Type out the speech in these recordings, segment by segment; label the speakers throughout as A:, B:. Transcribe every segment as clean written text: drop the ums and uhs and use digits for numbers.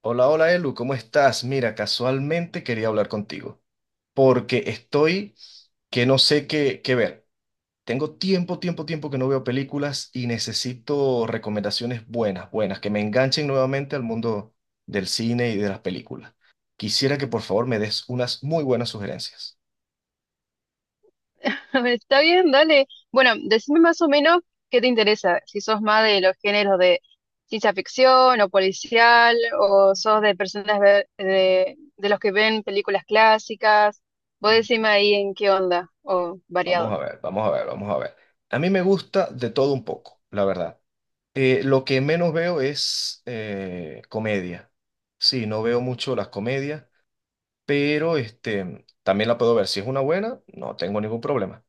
A: Hola, hola Elu, ¿cómo estás? Mira, casualmente quería hablar contigo porque estoy que no sé qué, qué ver. Tengo tiempo, tiempo, tiempo que no veo películas y necesito recomendaciones buenas, buenas, que me enganchen nuevamente al mundo del cine y de las películas. Quisiera que por favor me des unas muy buenas sugerencias.
B: Está bien, dale. Bueno, decime más o menos qué te interesa, si sos más de los géneros de ciencia ficción o policial, o sos de los que ven películas clásicas. Vos
A: Mm.
B: decime ahí en qué onda, o
A: Vamos a
B: variado.
A: ver, vamos a ver, vamos a ver. A mí me gusta de todo un poco, la verdad. Lo que menos veo es comedia. Sí, no veo mucho las comedias. Pero también la puedo ver. Si es una buena, no tengo ningún problema.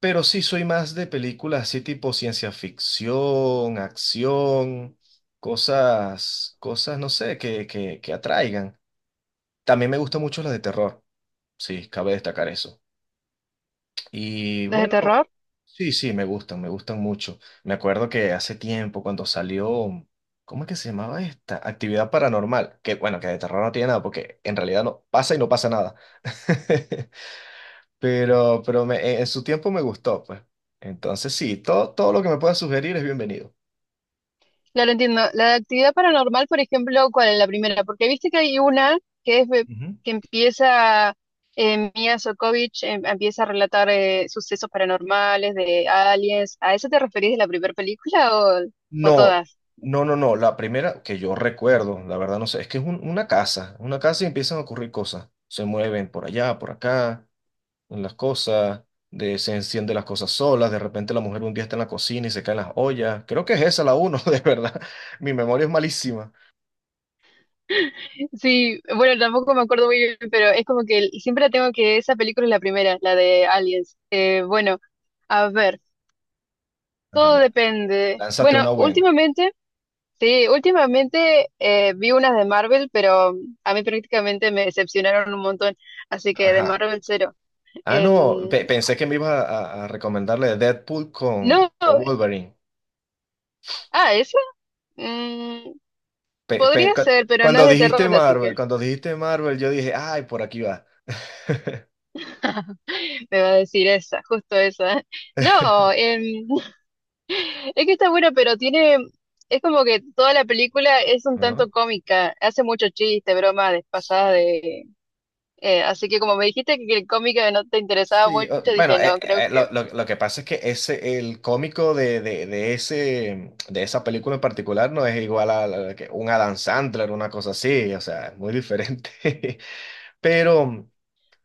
A: Pero sí soy más de películas así tipo ciencia ficción, acción, cosas, cosas, no sé, que atraigan. También me gustan mucho las de terror, sí, cabe destacar eso. Y
B: ¿Desde
A: bueno,
B: terror?
A: sí, sí, me gustan mucho. Me acuerdo que hace tiempo cuando salió, ¿cómo es que se llamaba esta? Actividad paranormal, que bueno, que de terror no tiene nada, porque en realidad no pasa y no pasa nada. Pero, en su tiempo me gustó, pues. Entonces sí, todo, todo lo que me puedas sugerir es bienvenido.
B: Claro, entiendo. La de actividad paranormal, por ejemplo, ¿cuál es la primera? Porque viste que hay una que es de-
A: Ujú.
B: que empieza Mia Sokovich, empieza a relatar sucesos paranormales de aliens. ¿A eso te referís de la primera película o
A: No,
B: todas?
A: no, no, no. La primera que yo recuerdo, la verdad no sé, es que es una casa y empiezan a ocurrir cosas. Se mueven por allá, por acá, en las cosas, de, se encienden las cosas solas, de repente la mujer un día está en la cocina y se caen las ollas. Creo que es esa la uno, de verdad. Mi memoria es malísima.
B: Sí, bueno, tampoco me acuerdo muy bien, pero es como que siempre la tengo que esa película es la primera, la de aliens. Bueno, a ver,
A: Ajá,
B: todo
A: la-
B: depende.
A: Lánzate
B: Bueno,
A: una buena.
B: últimamente sí, últimamente vi unas de Marvel, pero a mí prácticamente me decepcionaron un montón, así que de
A: Ajá.
B: Marvel cero.
A: Ah, no,
B: Em,
A: pensé que me ibas a recomendarle Deadpool
B: no,
A: con Wolverine.
B: ah, esa mm,
A: Pe- pe-
B: podría
A: cu-
B: ser, pero no es
A: Cuando
B: de
A: dijiste
B: terror, así que
A: Marvel, cuando dijiste Marvel, yo dije, ay, por aquí va.
B: me va a decir esa, justo esa. No, es que está bueno, pero tiene, es como que toda la película es un
A: Ajá.
B: tanto cómica, hace mucho chiste, broma despasada
A: Sí,
B: de... así que como me dijiste que el cómica no te interesaba
A: sí,
B: mucho,
A: bueno,
B: dije, no, creo que
A: lo, lo que pasa es que ese, el cómico de ese, de esa película en particular no es igual a, que un Adam Sandler, una cosa así, o sea, es muy diferente. Pero.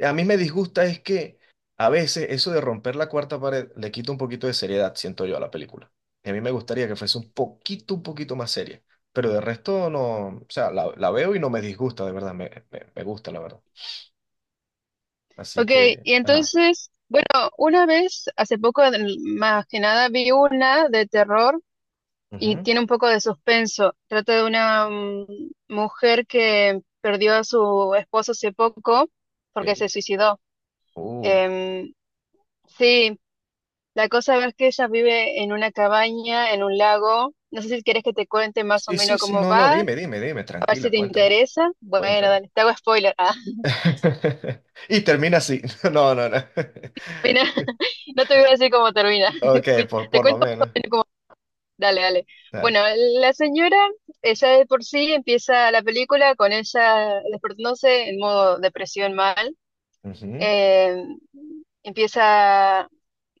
A: A mí me disgusta es que a veces eso de romper la cuarta pared le quita un poquito de seriedad, siento yo, a la película. Y a mí me gustaría que fuese un poquito más seria. Pero de resto no, o sea, la veo y no me disgusta, de verdad, me gusta, la verdad. Así
B: ok,
A: que,
B: y
A: ajá.
B: entonces, bueno, una vez, hace poco, más que nada, vi una de terror y
A: Ujú.
B: tiene un poco de suspenso. Trata de una mujer que perdió a su esposo hace poco porque se
A: Ok.
B: suicidó.
A: Uh.
B: Em, sí, la cosa es que ella vive en una cabaña, en un lago. No sé si quieres que te cuente más o
A: Sí, sí,
B: menos
A: sí,
B: cómo
A: no, no,
B: va,
A: dime, dime, dime,
B: a ver si
A: tranquila,
B: te
A: cuéntame,
B: interesa. Bueno,
A: cuéntame.
B: dale, te hago spoiler. Ah,
A: Y termina así. No, no, no.
B: mira, no te voy a decir cómo termina.
A: Ok,
B: Te
A: por lo
B: cuento
A: menos.
B: dale, dale.
A: Dale.
B: Bueno, la señora, ella de por sí empieza la película con ella despertándose en modo depresión mal.
A: Ujú.
B: Eh, Empieza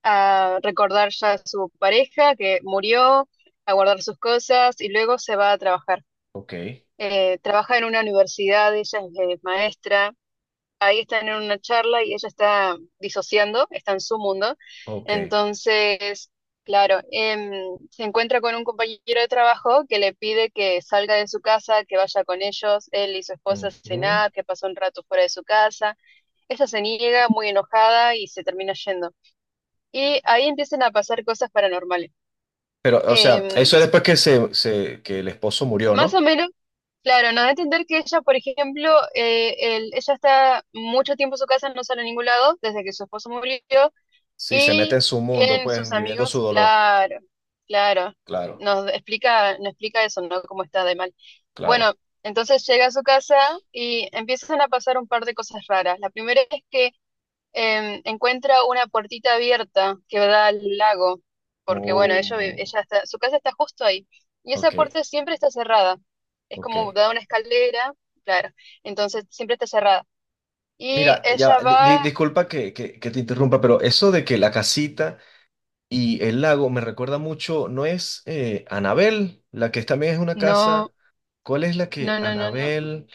B: a recordar ya a su pareja que murió, a guardar sus cosas y luego se va a trabajar.
A: Ok,
B: Trabaja en una universidad, ella es maestra, ahí están en una charla y ella está disociando, está en su mundo.
A: ok.
B: Entonces, claro, se encuentra con un compañero de trabajo que le pide que salga de su casa, que vaya con ellos, él y su esposa a
A: Ujú.
B: cenar, que pasó un rato fuera de su casa. Ella se niega muy enojada y se termina yendo. Y ahí empiezan a pasar cosas paranormales.
A: Pero, o sea,
B: Em,
A: eso es después que, que el esposo murió,
B: Más o
A: ¿no?
B: menos claro, nos da a entender que ella, por ejemplo, ella está mucho tiempo en su casa, no sale a ningún lado, desde que su esposo murió,
A: Sí, se mete
B: y
A: en su mundo,
B: tienen sus
A: pues, viviendo
B: amigos,
A: su dolor.
B: claro, claro.
A: Claro,
B: Nos explica eso, ¿no? Cómo está de mal. Bueno,
A: claro.
B: entonces llega a su casa y empiezan a pasar un par de cosas raras. La primera es que encuentra una puertita abierta que da al lago, porque bueno,
A: Oh,
B: ella está, su casa está justo ahí. Y esa
A: ok,
B: puerta siempre está cerrada. Es
A: ok.
B: como da una escalera, claro. Entonces siempre está cerrada. Y
A: Mira, ya,
B: ella va,
A: disculpa que, que te interrumpa, pero eso de que la casita y el lago me recuerda mucho, ¿no es Anabel, la que también es una
B: no,
A: casa? ¿Cuál es la que
B: no.
A: Anabel?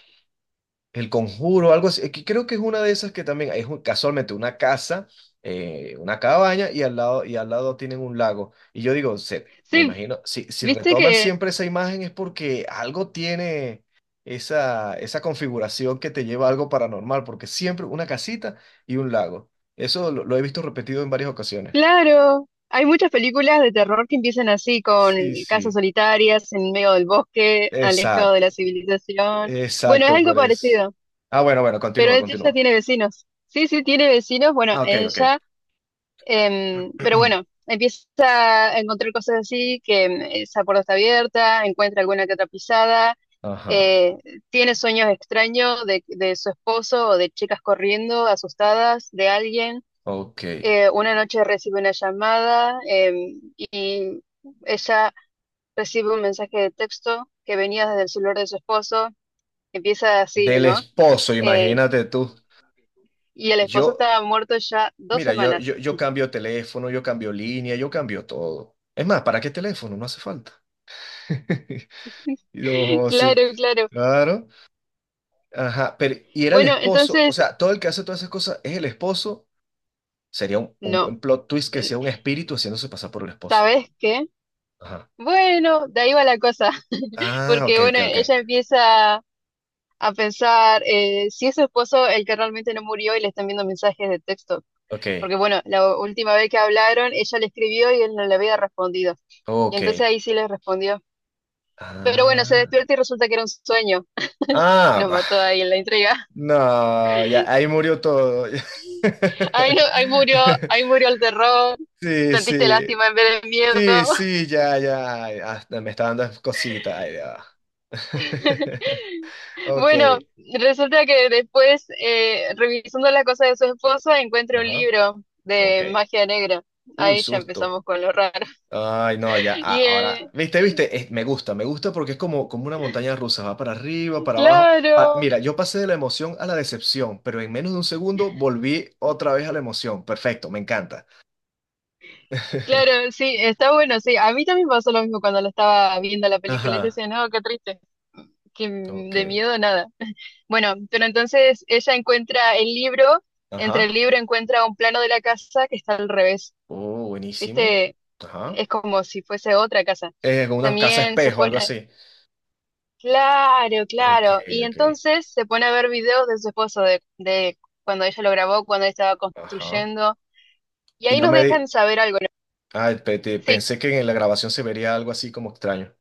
A: El Conjuro, algo así. Que creo que es una de esas que también es casualmente una casa, una cabaña y al lado tienen un lago. Y yo digo, me
B: Sí,
A: imagino, si, si
B: viste
A: retoman
B: que,
A: siempre esa imagen es porque algo tiene esa, esa configuración que te lleva a algo paranormal, porque siempre una casita y un lago. Eso lo he visto repetido en varias ocasiones.
B: claro, hay muchas películas de terror que empiezan así, con
A: Sí,
B: casas
A: sí.
B: solitarias en medio del bosque, alejado de
A: Exacto,
B: la civilización. Bueno, es
A: exacto,
B: algo
A: por eso.
B: parecido,
A: Ah, bueno, bueno,
B: pero
A: continúa,
B: ella
A: continúa.
B: tiene vecinos. Sí, sí, tiene vecinos, bueno,
A: Ah, ok, ok.
B: ella, pero bueno, empieza a encontrar cosas así, que esa puerta está abierta, encuentra alguna que otra pisada,
A: Ajá,
B: eh, tiene sueños extraños de su esposo o de chicas corriendo, asustadas, de alguien.
A: ok.
B: Una noche recibe una llamada y ella recibe un mensaje de texto que venía desde el celular de su esposo. Empieza así,
A: Del
B: ¿no?
A: esposo,
B: Eh,
A: imagínate tú.
B: y el
A: Yo,
B: esposo estaba muerto ya dos
A: mira, yo,
B: semanas.
A: yo, yo cambio teléfono, yo cambio línea, yo cambio todo. Es más, ¿para qué teléfono? No hace falta. Y no, sí,
B: Claro, claro.
A: claro. Ajá, pero y era el
B: Bueno,
A: esposo, o
B: entonces,
A: sea, todo el que hace todas esas cosas es el esposo. Sería un
B: no.
A: buen plot twist que
B: El-
A: sea un espíritu haciéndose pasar por el esposo.
B: ¿Sabes qué?
A: Ajá.
B: Bueno, de ahí va la cosa.
A: Ah,
B: Porque,
A: ok, ok,
B: bueno,
A: ok.
B: ella empieza a pensar si es su esposo el que realmente no murió y le están viendo mensajes de texto.
A: Ok,
B: Porque bueno, la última vez que hablaron, ella le escribió y él no le había respondido. Y
A: ok.
B: entonces ahí sí le respondió. Pero bueno, se
A: Ah,
B: despierta y resulta que era un sueño.
A: ah,
B: Nos
A: bah.
B: mató ahí en la entrega.
A: No, ya ahí murió todo.
B: Ahí, no,
A: Ya.
B: ahí murió el terror.
A: Sí,
B: Sentiste
A: sí,
B: lástima en vez de miedo.
A: sí, sí, ya, ya, ay, hasta me está dando cositas, ay, ya va. Ok,
B: Bueno, resulta que después, revisando las cosas de su esposa, encuentra un
A: ajá,
B: libro
A: ok.
B: de magia negra.
A: Uy,
B: Ahí ya
A: susto.
B: empezamos con lo raro.
A: Ay, no, ya,
B: Y
A: ahora, viste,
B: eh,
A: viste, me gusta porque es como, como una montaña rusa, va para arriba, para abajo.
B: claro,
A: Mira, yo pasé de la emoción a la decepción, pero en menos de un segundo volví otra vez a la emoción. Perfecto, me encanta.
B: claro, sí, está bueno, sí. A mí también pasó lo mismo cuando la estaba viendo la película. Yo
A: Ajá,
B: decía, no, qué triste, que
A: ok,
B: de miedo nada. Bueno, pero entonces ella encuentra el libro, entre
A: ajá.
B: el libro encuentra un plano de la casa que está al revés.
A: Oh, buenísimo.
B: ¿Viste?
A: Ajá.
B: Es como si fuese otra casa.
A: Con una casa
B: También se
A: espejo, algo
B: pone,
A: así.
B: claro,
A: Ok,
B: claro. Y
A: ok.
B: entonces se pone a ver videos de su esposo, de cuando ella lo grabó, cuando ella estaba
A: Ajá.
B: construyendo. Y
A: Y
B: ahí
A: no
B: nos
A: me
B: dejan
A: di...
B: saber algo, ¿no?
A: Ah,
B: Sí,
A: pensé que en la grabación se vería algo así como extraño.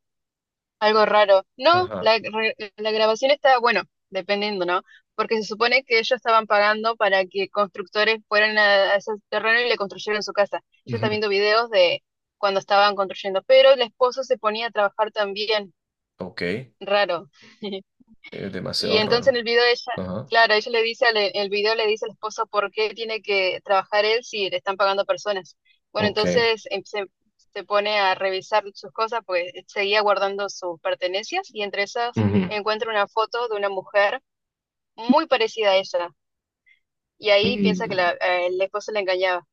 B: algo raro. No,
A: Ajá.
B: la grabación está, bueno, dependiendo, ¿no? Porque se supone que ellos estaban pagando para que constructores fueran a ese terreno y le construyeran su casa. Ella está
A: Ujú.
B: viendo videos de cuando estaban construyendo, pero el esposo se ponía a trabajar también,
A: Ok.
B: raro.
A: Es
B: Y
A: demasiado
B: entonces en
A: raro.
B: el video ella,
A: Ajá.
B: claro, ella le dice, al, el video le dice al esposo por qué tiene que trabajar él si le están pagando personas. Bueno,
A: Ok.
B: entonces se pone a revisar sus cosas, pues seguía guardando sus pertenencias y entre esas
A: Ujú.
B: encuentra una foto de una mujer muy parecida a ella. Y ahí piensa que la,
A: Mm.
B: el esposo la engañaba.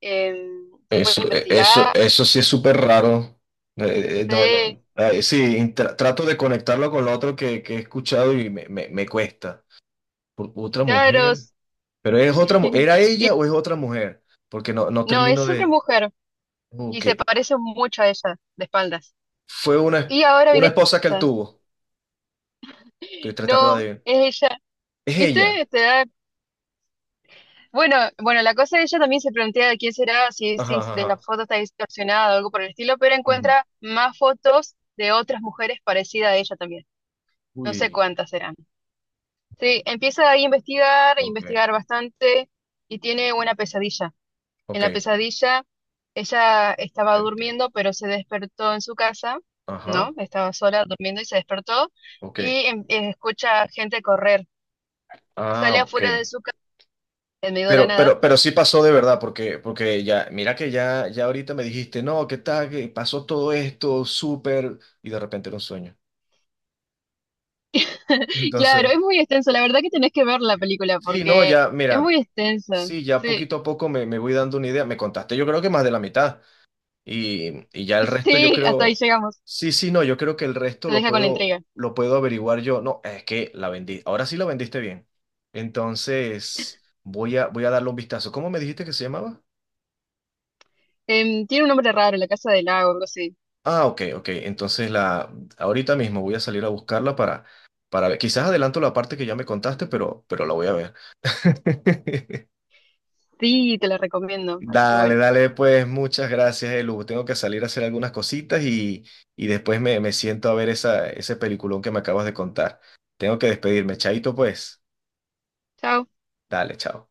B: Se pone a
A: Eso, eso,
B: investigar,
A: eso sí es súper raro. No,
B: ve,
A: no. Ah, sí, trato de conectarlo con lo otro que he escuchado y me cuesta. Otra
B: claro,
A: mujer. Pero es otra, ¿era
B: y
A: ella o es otra mujer? Porque no, no
B: no,
A: termino
B: es otra
A: de.
B: mujer y
A: Ok.
B: se parece mucho a ella de espaldas.
A: Fue
B: Y ahora
A: una
B: viene...
A: esposa que él tuvo. Estoy tratando de
B: No,
A: adivinar.
B: es ella.
A: Es
B: ¿Viste?
A: ella.
B: Bueno, bueno, la cosa es que ella también se plantea de quién será,
A: Ajá,
B: si
A: ajá,
B: de la
A: ajá.
B: foto está distorsionada o algo por el estilo, pero
A: Ujú.
B: encuentra más fotos de otras mujeres parecidas a ella también. No sé
A: Uy,
B: cuántas serán. Sí, empieza ahí a
A: ok,
B: investigar bastante y tiene una pesadilla. En
A: ok,
B: la pesadilla ella estaba
A: te entiendo.
B: durmiendo, pero se despertó en su casa, ¿no?
A: Ajá,
B: Estaba sola durmiendo y se despertó
A: ok.
B: y escucha gente correr.
A: Ah,
B: Sale
A: ok.
B: afuera de su en medio de la nada.
A: Pero sí pasó de verdad, porque, porque ya, mira que ya, ya ahorita me dijiste, no, ¿qué tal? Que pasó todo esto, súper, y de repente era un sueño.
B: Claro,
A: Entonces,
B: es muy extenso. La verdad que tenés que ver la película
A: sí, no,
B: porque
A: ya,
B: es
A: mira,
B: muy extensa.
A: sí, ya
B: Sí,
A: poquito a poco me, me voy dando una idea. Me contaste, yo creo que más de la mitad. Y ya el resto yo
B: sí, hasta ahí
A: creo,
B: llegamos.
A: sí, sí, no, yo creo que el resto
B: Te deja con la intriga.
A: lo puedo averiguar yo. No, es que la vendí, ahora sí la vendiste bien. Entonces, voy a, voy a darle un vistazo. ¿Cómo me dijiste que se llamaba?
B: Tiene un nombre raro, La Casa del Lago, algo así.
A: Ah, ok, ok. Entonces, la, ahorita mismo voy a salir a buscarla para ver. Quizás adelanto la parte que ya me contaste, pero la voy a ver.
B: Sí, te la recomiendo. Así que
A: Dale,
B: bueno,
A: dale, pues muchas gracias, Elu. Tengo que salir a hacer algunas cositas y después me, me siento a ver esa, ese peliculón que me acabas de contar. Tengo que despedirme, chaito, pues.
B: chao.
A: Dale, chao.